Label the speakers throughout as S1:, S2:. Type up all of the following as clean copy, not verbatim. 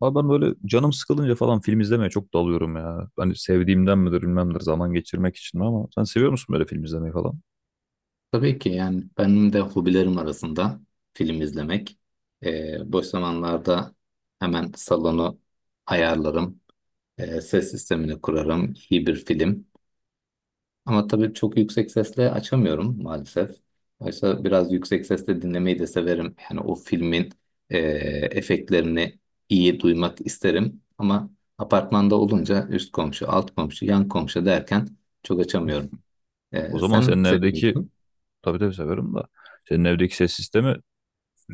S1: Abi ben böyle canım sıkılınca falan film izlemeye çok dalıyorum ya. Hani sevdiğimden midir bilmemdir zaman geçirmek için mi, ama sen seviyor musun böyle film izlemeyi falan?
S2: Tabii ki yani benim de hobilerim arasında film izlemek. Boş zamanlarda hemen salonu ayarlarım, ses sistemini kurarım, iyi bir film. Ama tabii çok yüksek sesle açamıyorum maalesef. Oysa biraz yüksek sesle dinlemeyi de severim. Yani o filmin ee, efektlerini iyi duymak isterim. Ama apartmanda olunca üst komşu, alt komşu, yan komşu derken çok açamıyorum.
S1: O zaman
S2: Sen
S1: senin evdeki,
S2: seviyorsun.
S1: tabii tabii severim da, senin evdeki ses sistemi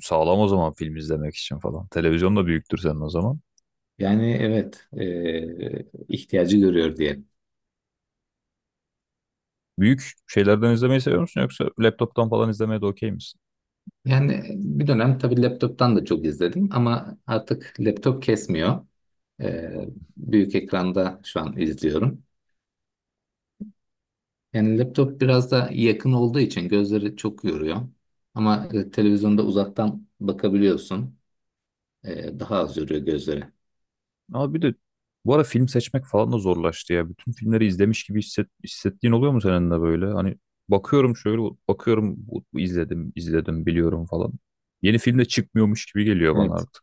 S1: sağlam o zaman film izlemek için falan. Televizyon da büyüktür senin o zaman.
S2: Yani evet, ihtiyacı görüyor diyelim.
S1: Büyük şeylerden izlemeyi seviyor musun yoksa laptoptan falan izlemeye de okey misin?
S2: Yani bir dönem tabii laptop'tan da çok izledim ama artık laptop kesmiyor. Ee, büyük ekranda şu an izliyorum. Yani laptop biraz da yakın olduğu için gözleri çok yoruyor. Ama televizyonda uzaktan bakabiliyorsun. Daha az yoruyor gözleri.
S1: Ama bir de bu ara film seçmek falan da zorlaştı ya. Bütün filmleri izlemiş gibi hissettiğin oluyor mu senin de böyle? Hani bakıyorum, şöyle bakıyorum, bu izledim izledim biliyorum falan. Yeni film de çıkmıyormuş gibi geliyor bana
S2: Evet.
S1: artık.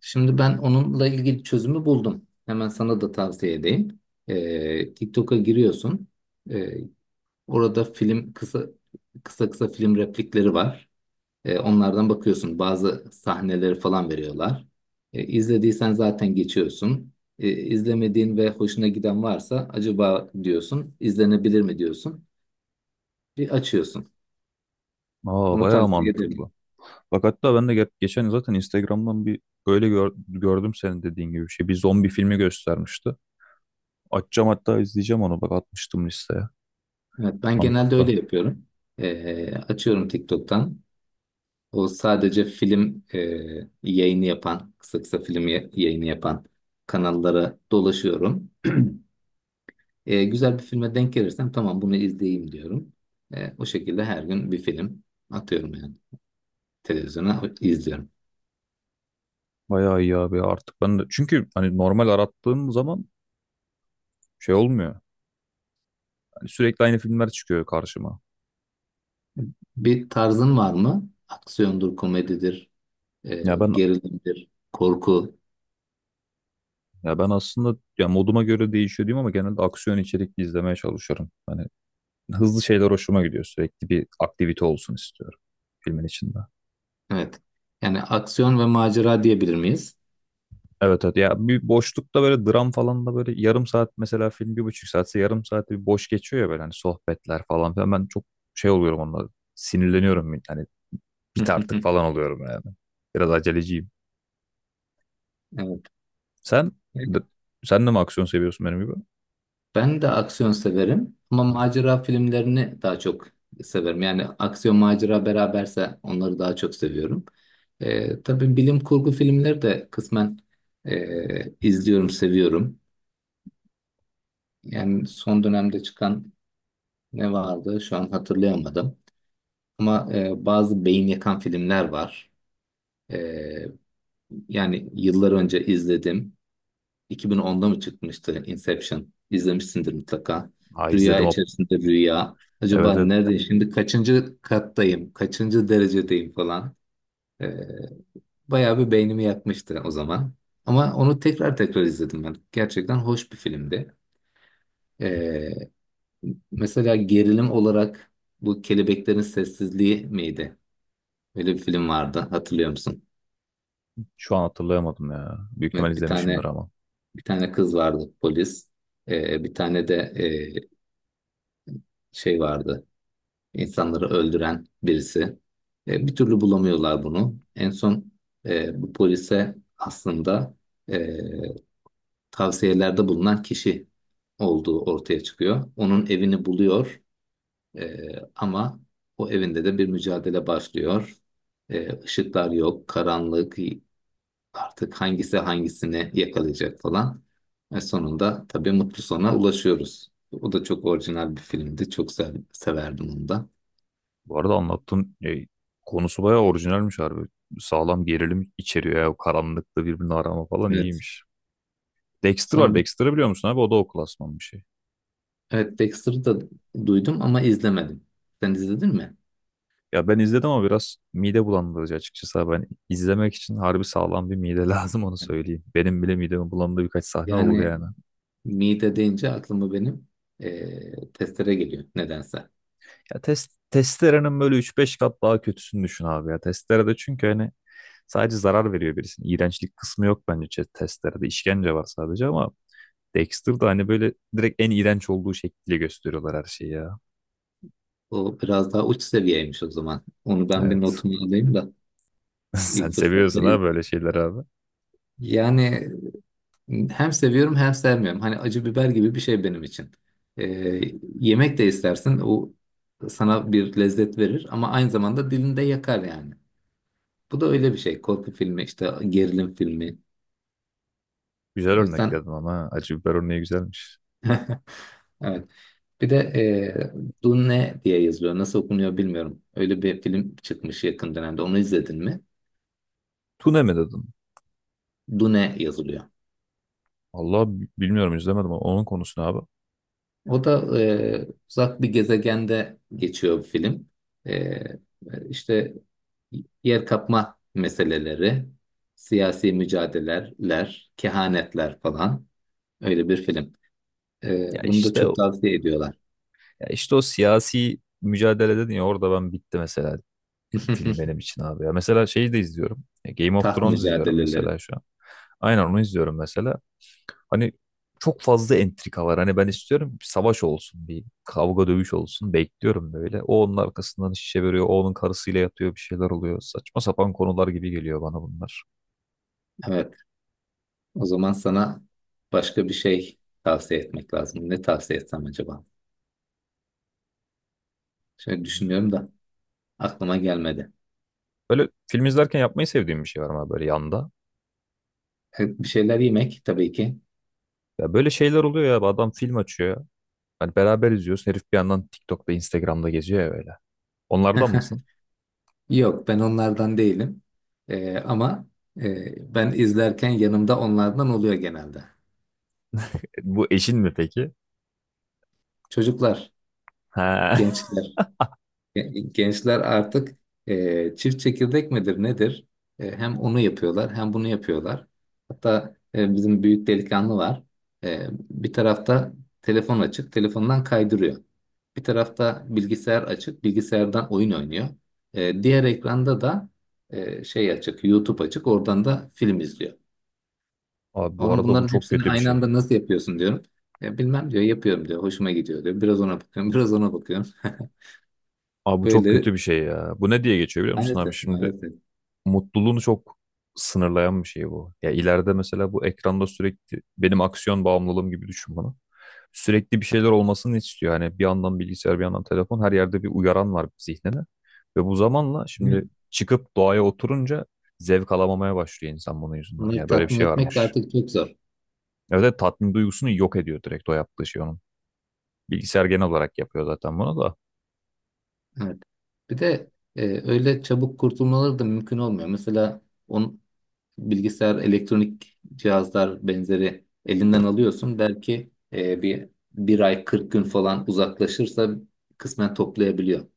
S2: Şimdi ben onunla ilgili çözümü buldum. Hemen sana da tavsiye edeyim. TikTok'a giriyorsun. Ee, Orada film kısa kısa film replikleri var. Onlardan bakıyorsun. Bazı sahneleri falan veriyorlar. İzlediysen zaten geçiyorsun. İzlemediğin ve hoşuna giden varsa acaba diyorsun, izlenebilir mi diyorsun. Bir açıyorsun.
S1: Aa,
S2: Bunu
S1: bayağı
S2: tavsiye ederim.
S1: mantıklı. Bak hatta ben de geçen zaten Instagram'dan bir böyle gördüm senin dediğin gibi bir şey. Bir zombi filmi göstermişti. Açacağım, hatta izleyeceğim onu. Bak, atmıştım listeye.
S2: Evet, ben genelde öyle
S1: Mantıklı.
S2: yapıyorum. Açıyorum TikTok'tan. O sadece film yayını yapan, kısa kısa film yayını yapan kanallara dolaşıyorum. Güzel bir filme denk gelirsem tamam bunu izleyeyim diyorum. O şekilde her gün bir film atıyorum yani. Televizyona izliyorum.
S1: Bayağı iyi abi, artık ben de. Çünkü hani normal arattığım zaman şey olmuyor. Hani sürekli aynı filmler çıkıyor karşıma.
S2: Bir tarzın var mı? Aksiyondur, komedidir, e,
S1: Ya ben
S2: gerilimdir, korku.
S1: ya ben aslında, ya moduma göre değişiyor diyeyim, ama genelde aksiyon içerikli izlemeye çalışıyorum. Hani hızlı şeyler hoşuma gidiyor. Sürekli bir aktivite olsun istiyorum filmin içinde.
S2: Evet. Yani aksiyon ve macera diyebilir miyiz?
S1: Evet, evet, ya bir boşlukta böyle dram falan da böyle yarım saat, mesela film bir buçuk saatse yarım saat bir boş geçiyor ya, böyle hani sohbetler falan filan, ben çok şey oluyorum onunla, sinirleniyorum, hani bit artık falan oluyorum yani. Biraz aceleciyim.
S2: Evet.
S1: Sen de- sen de mi aksiyon seviyorsun benim gibi?
S2: Ben de aksiyon severim ama macera filmlerini daha çok severim. Yani aksiyon macera beraberse onları daha çok seviyorum. Tabii bilim kurgu filmleri de kısmen izliyorum, seviyorum. Yani son dönemde çıkan ne vardı şu an hatırlayamadım. Ama bazı beyin yakan filmler var. Ee, yani yıllar önce izledim. 2010'da mı çıkmıştı Inception? İzlemişsindir mutlaka.
S1: Ha,
S2: Rüya
S1: izledim o.
S2: içerisinde rüya. Acaba
S1: Evet, evet.
S2: neredeyim şimdi? Kaçıncı kattayım? Kaçıncı derecedeyim falan. Ee, bayağı bir beynimi yakmıştı o zaman. Ama onu tekrar tekrar izledim ben. Gerçekten hoş bir filmdi. Ee, mesela gerilim olarak bu Kelebeklerin Sessizliği miydi? Öyle bir film vardı. Hatırlıyor musun?
S1: Şu an hatırlayamadım ya. Büyük ihtimal
S2: Evet, bir
S1: izlemişimdir
S2: tane
S1: ama.
S2: bir tane kız vardı polis. Bir tane de şey vardı. İnsanları öldüren birisi. Bir türlü bulamıyorlar bunu. En son bu polise aslında e, tavsiyelerde bulunan kişi olduğu ortaya çıkıyor. Onun evini buluyor, e, ama o evinde de bir mücadele başlıyor. Işıklar yok, karanlık, artık hangisi hangisini yakalayacak falan. Ve sonunda tabii mutlu sona ulaşıyoruz. O da çok orijinal bir filmdi. Çok severdim onu da.
S1: Bu arada anlattığın konusu bayağı orijinalmiş harbi. Sağlam gerilim içeriyor ya. O karanlıkta birbirini arama falan
S2: Evet.
S1: iyiymiş. Dexter var.
S2: Sonra,
S1: Dexter'ı biliyor musun abi? O da o klasman bir şey.
S2: evet, Dexter'ı da duydum ama izlemedim. Sen izledin mi?
S1: Ya ben izledim ama biraz mide bulandırıcı açıkçası, abi. Ben izlemek için harbi sağlam bir mide lazım, onu söyleyeyim. Benim bile midemi bulandığı birkaç sahne oldu
S2: Yani
S1: yani.
S2: mide deyince aklıma benim testere geliyor nedense.
S1: Ya testerenin böyle 3-5 kat daha kötüsünü düşün abi ya. Testerede çünkü hani sadece zarar veriyor birisine. İğrençlik kısmı yok bence chess testlerde. İşkence var sadece, ama Dexter'da hani böyle direkt en iğrenç olduğu şekliyle gösteriyorlar her şeyi ya.
S2: O biraz daha uç seviyeymiş o zaman. Onu ben bir
S1: Evet.
S2: notumu alayım da
S1: Sen
S2: ilk fırsatta
S1: seviyorsun ha
S2: izleyeyim.
S1: böyle şeyler abi.
S2: Yani hem seviyorum hem sevmiyorum. Hani acı biber gibi bir şey benim için. Eee, yemek de istersin, o sana bir lezzet verir ama aynı zamanda dilinde yakar yani. Bu da öyle bir şey. Korku filmi, işte gerilim filmi.
S1: Güzel
S2: O
S1: örnek
S2: yüzden
S1: dedin ama ha, acı biber örneği güzelmiş.
S2: evet. Bir de Dune diye yazılıyor. Nasıl okunuyor bilmiyorum. Öyle bir film çıkmış yakın dönemde. Onu izledin mi?
S1: Tune mi dedin?
S2: Dune yazılıyor.
S1: Allah, bilmiyorum, izlemedim, ama onun konusu ne abi?
S2: O da uzak bir gezegende geçiyor bir film. E, işte yer kapma meseleleri, siyasi mücadeleler, kehanetler falan. Öyle bir film.
S1: Ya
S2: Bunu da
S1: işte
S2: çok
S1: o-
S2: tavsiye ediyorlar.
S1: ya işte o siyasi mücadele dedin ya, orada ben bitti mesela film benim için abi ya. Mesela şeyi de izliyorum. Game of
S2: Taht
S1: Thrones izliyorum
S2: mücadeleleri.
S1: mesela şu an. Aynen, onu izliyorum mesela. Hani çok fazla entrika var. Hani ben istiyorum bir savaş olsun, bir kavga dövüş olsun. Bekliyorum böyle. O onun arkasından şişe veriyor, o onun karısıyla yatıyor, bir şeyler oluyor. Saçma sapan konular gibi geliyor bana bunlar.
S2: Evet. O zaman sana başka bir şey tavsiye etmek lazım. Ne tavsiye etsem acaba? Şöyle
S1: Hmm.
S2: düşünüyorum da aklıma gelmedi.
S1: Böyle film izlerken yapmayı sevdiğim bir şey var, ama böyle yanda.
S2: Bir şeyler yemek tabii ki.
S1: Ya böyle şeyler oluyor ya. Adam film açıyor. Hani beraber izliyoruz. Herif bir yandan TikTok'ta, Instagram'da geziyor ya böyle. Onlardan mısın?
S2: Yok, ben onlardan değilim. Ama ben izlerken yanımda onlardan oluyor genelde.
S1: Bu eşin mi peki?
S2: Çocuklar,
S1: Ha.
S2: gençler, gençler artık çift çekirdek midir nedir? Hem onu yapıyorlar hem bunu yapıyorlar. Hatta bizim büyük delikanlı var. Bir tarafta telefon açık, telefondan kaydırıyor. Bir tarafta bilgisayar açık, bilgisayardan oyun oynuyor. Diğer ekranda da şey açık, YouTube açık, oradan da film izliyor.
S1: Abi bu
S2: Onun,
S1: arada bu
S2: bunların
S1: çok
S2: hepsini
S1: kötü bir
S2: aynı
S1: şey.
S2: anda nasıl yapıyorsun diyorum. Bilmem diyor, yapıyorum diyor, hoşuma gidiyor diyor. Biraz ona bakıyorum, biraz ona bakıyorum.
S1: Abi bu çok
S2: Böyle
S1: kötü bir şey ya. Bu ne diye geçiyor biliyor musun abi?
S2: maalesef,
S1: Şimdi
S2: maalesef.
S1: mutluluğunu çok sınırlayan bir şey bu. Ya ileride mesela bu ekranda sürekli benim aksiyon bağımlılığım gibi düşün bunu. Sürekli bir şeyler olmasını istiyor. Hani bir yandan bilgisayar, bir yandan telefon, her yerde bir uyaran var zihnine. Ve bu zamanla,
S2: Değil
S1: şimdi çıkıp doğaya oturunca zevk alamamaya başlıyor insan bunun yüzünden.
S2: Onları
S1: Ya böyle bir
S2: tatmin
S1: şey
S2: etmek de
S1: varmış.
S2: artık çok zor.
S1: Evet, evet, tatmin duygusunu yok ediyor direkt, o yaptığı şey onun. Bilgisayar genel olarak yapıyor zaten bunu da.
S2: Evet. Bir de öyle çabuk kurtulmaları da mümkün olmuyor. Mesela on, bilgisayar, elektronik cihazlar benzeri elinden alıyorsun. Belki bir ay, 40 gün falan uzaklaşırsa kısmen toplayabiliyor.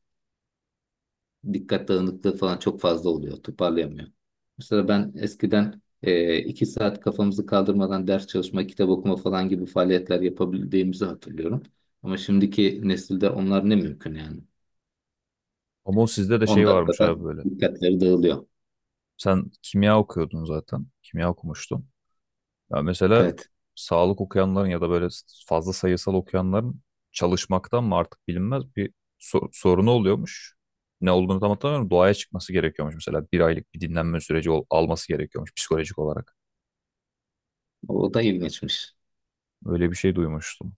S2: Dikkat dağınıklığı falan çok fazla oluyor. Toparlayamıyor. Mesela ben eskiden 2 saat kafamızı kaldırmadan ders çalışma, kitap okuma falan gibi faaliyetler yapabildiğimizi hatırlıyorum. Ama şimdiki nesilde onlar ne mümkün yani.
S1: Ama o sizde de
S2: 10
S1: şey varmış
S2: dakikada
S1: abi böyle.
S2: dikkatleri dağılıyor.
S1: Sen kimya okuyordun zaten. Kimya okumuştun. Ya mesela
S2: Evet.
S1: sağlık okuyanların ya da böyle fazla sayısal okuyanların, çalışmaktan mı artık bilinmez, bir sorunu oluyormuş. Ne olduğunu tam hatırlamıyorum. Doğaya çıkması gerekiyormuş mesela. Bir aylık bir dinlenme süreci alması gerekiyormuş psikolojik olarak.
S2: O da ilginçmiş.
S1: Öyle bir şey duymuştum.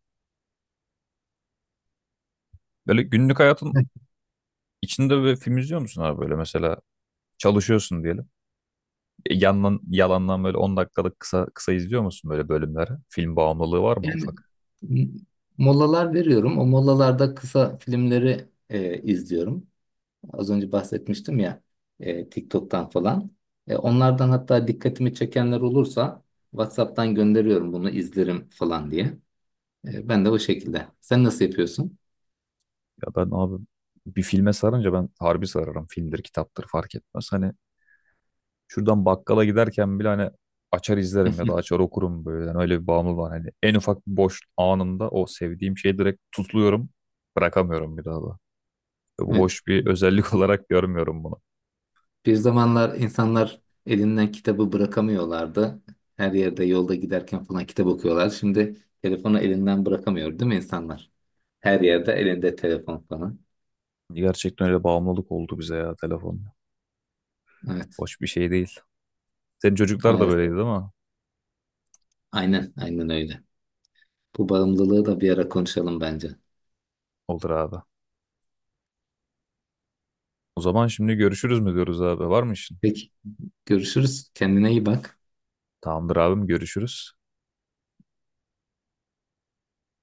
S1: Böyle günlük hayatın içinde böyle film izliyor musun abi, böyle mesela çalışıyorsun diyelim. Yandan, yalandan böyle 10 dakikalık kısa kısa izliyor musun böyle bölümleri? Film bağımlılığı var mı
S2: Yani
S1: ufak?
S2: m- molalar veriyorum. O molalarda kısa filmleri izliyorum. Az önce bahsetmiştim ya, TikTok'tan falan. Onlardan hatta dikkatimi çekenler olursa WhatsApp'tan gönderiyorum, bunu izlerim falan diye. Ben de o şekilde. Sen nasıl yapıyorsun?
S1: Ya ben abi, bir filme sarınca ben harbi sararım. Filmdir, kitaptır fark etmez. Hani şuradan bakkala giderken bile hani açar izlerim ya da açar okurum böyle. Yani öyle bir bağımlılığı var. Hani en ufak bir boş anımda o sevdiğim şeyi direkt tutluyorum. Bırakamıyorum bir daha da. Bu
S2: Evet.
S1: hoş bir özellik olarak görmüyorum bunu.
S2: Bir zamanlar insanlar elinden kitabı bırakamıyorlardı. Her yerde, yolda giderken falan kitap okuyorlar. Şimdi telefonu elinden bırakamıyor değil mi insanlar? Her yerde elinde telefon falan.
S1: Gerçekten öyle bağımlılık oldu bize ya telefon.
S2: Evet.
S1: Hoş bir şey değil. Senin çocuklar da
S2: Maalesef.
S1: böyleydi değil mi?
S2: Aynen, aynen öyle. Bu bağımlılığı da bir ara konuşalım bence.
S1: Olur abi. O zaman şimdi görüşürüz mü diyoruz abi? Var mı işin?
S2: Peki. Görüşürüz. Kendine iyi bak.
S1: Tamamdır abim, görüşürüz.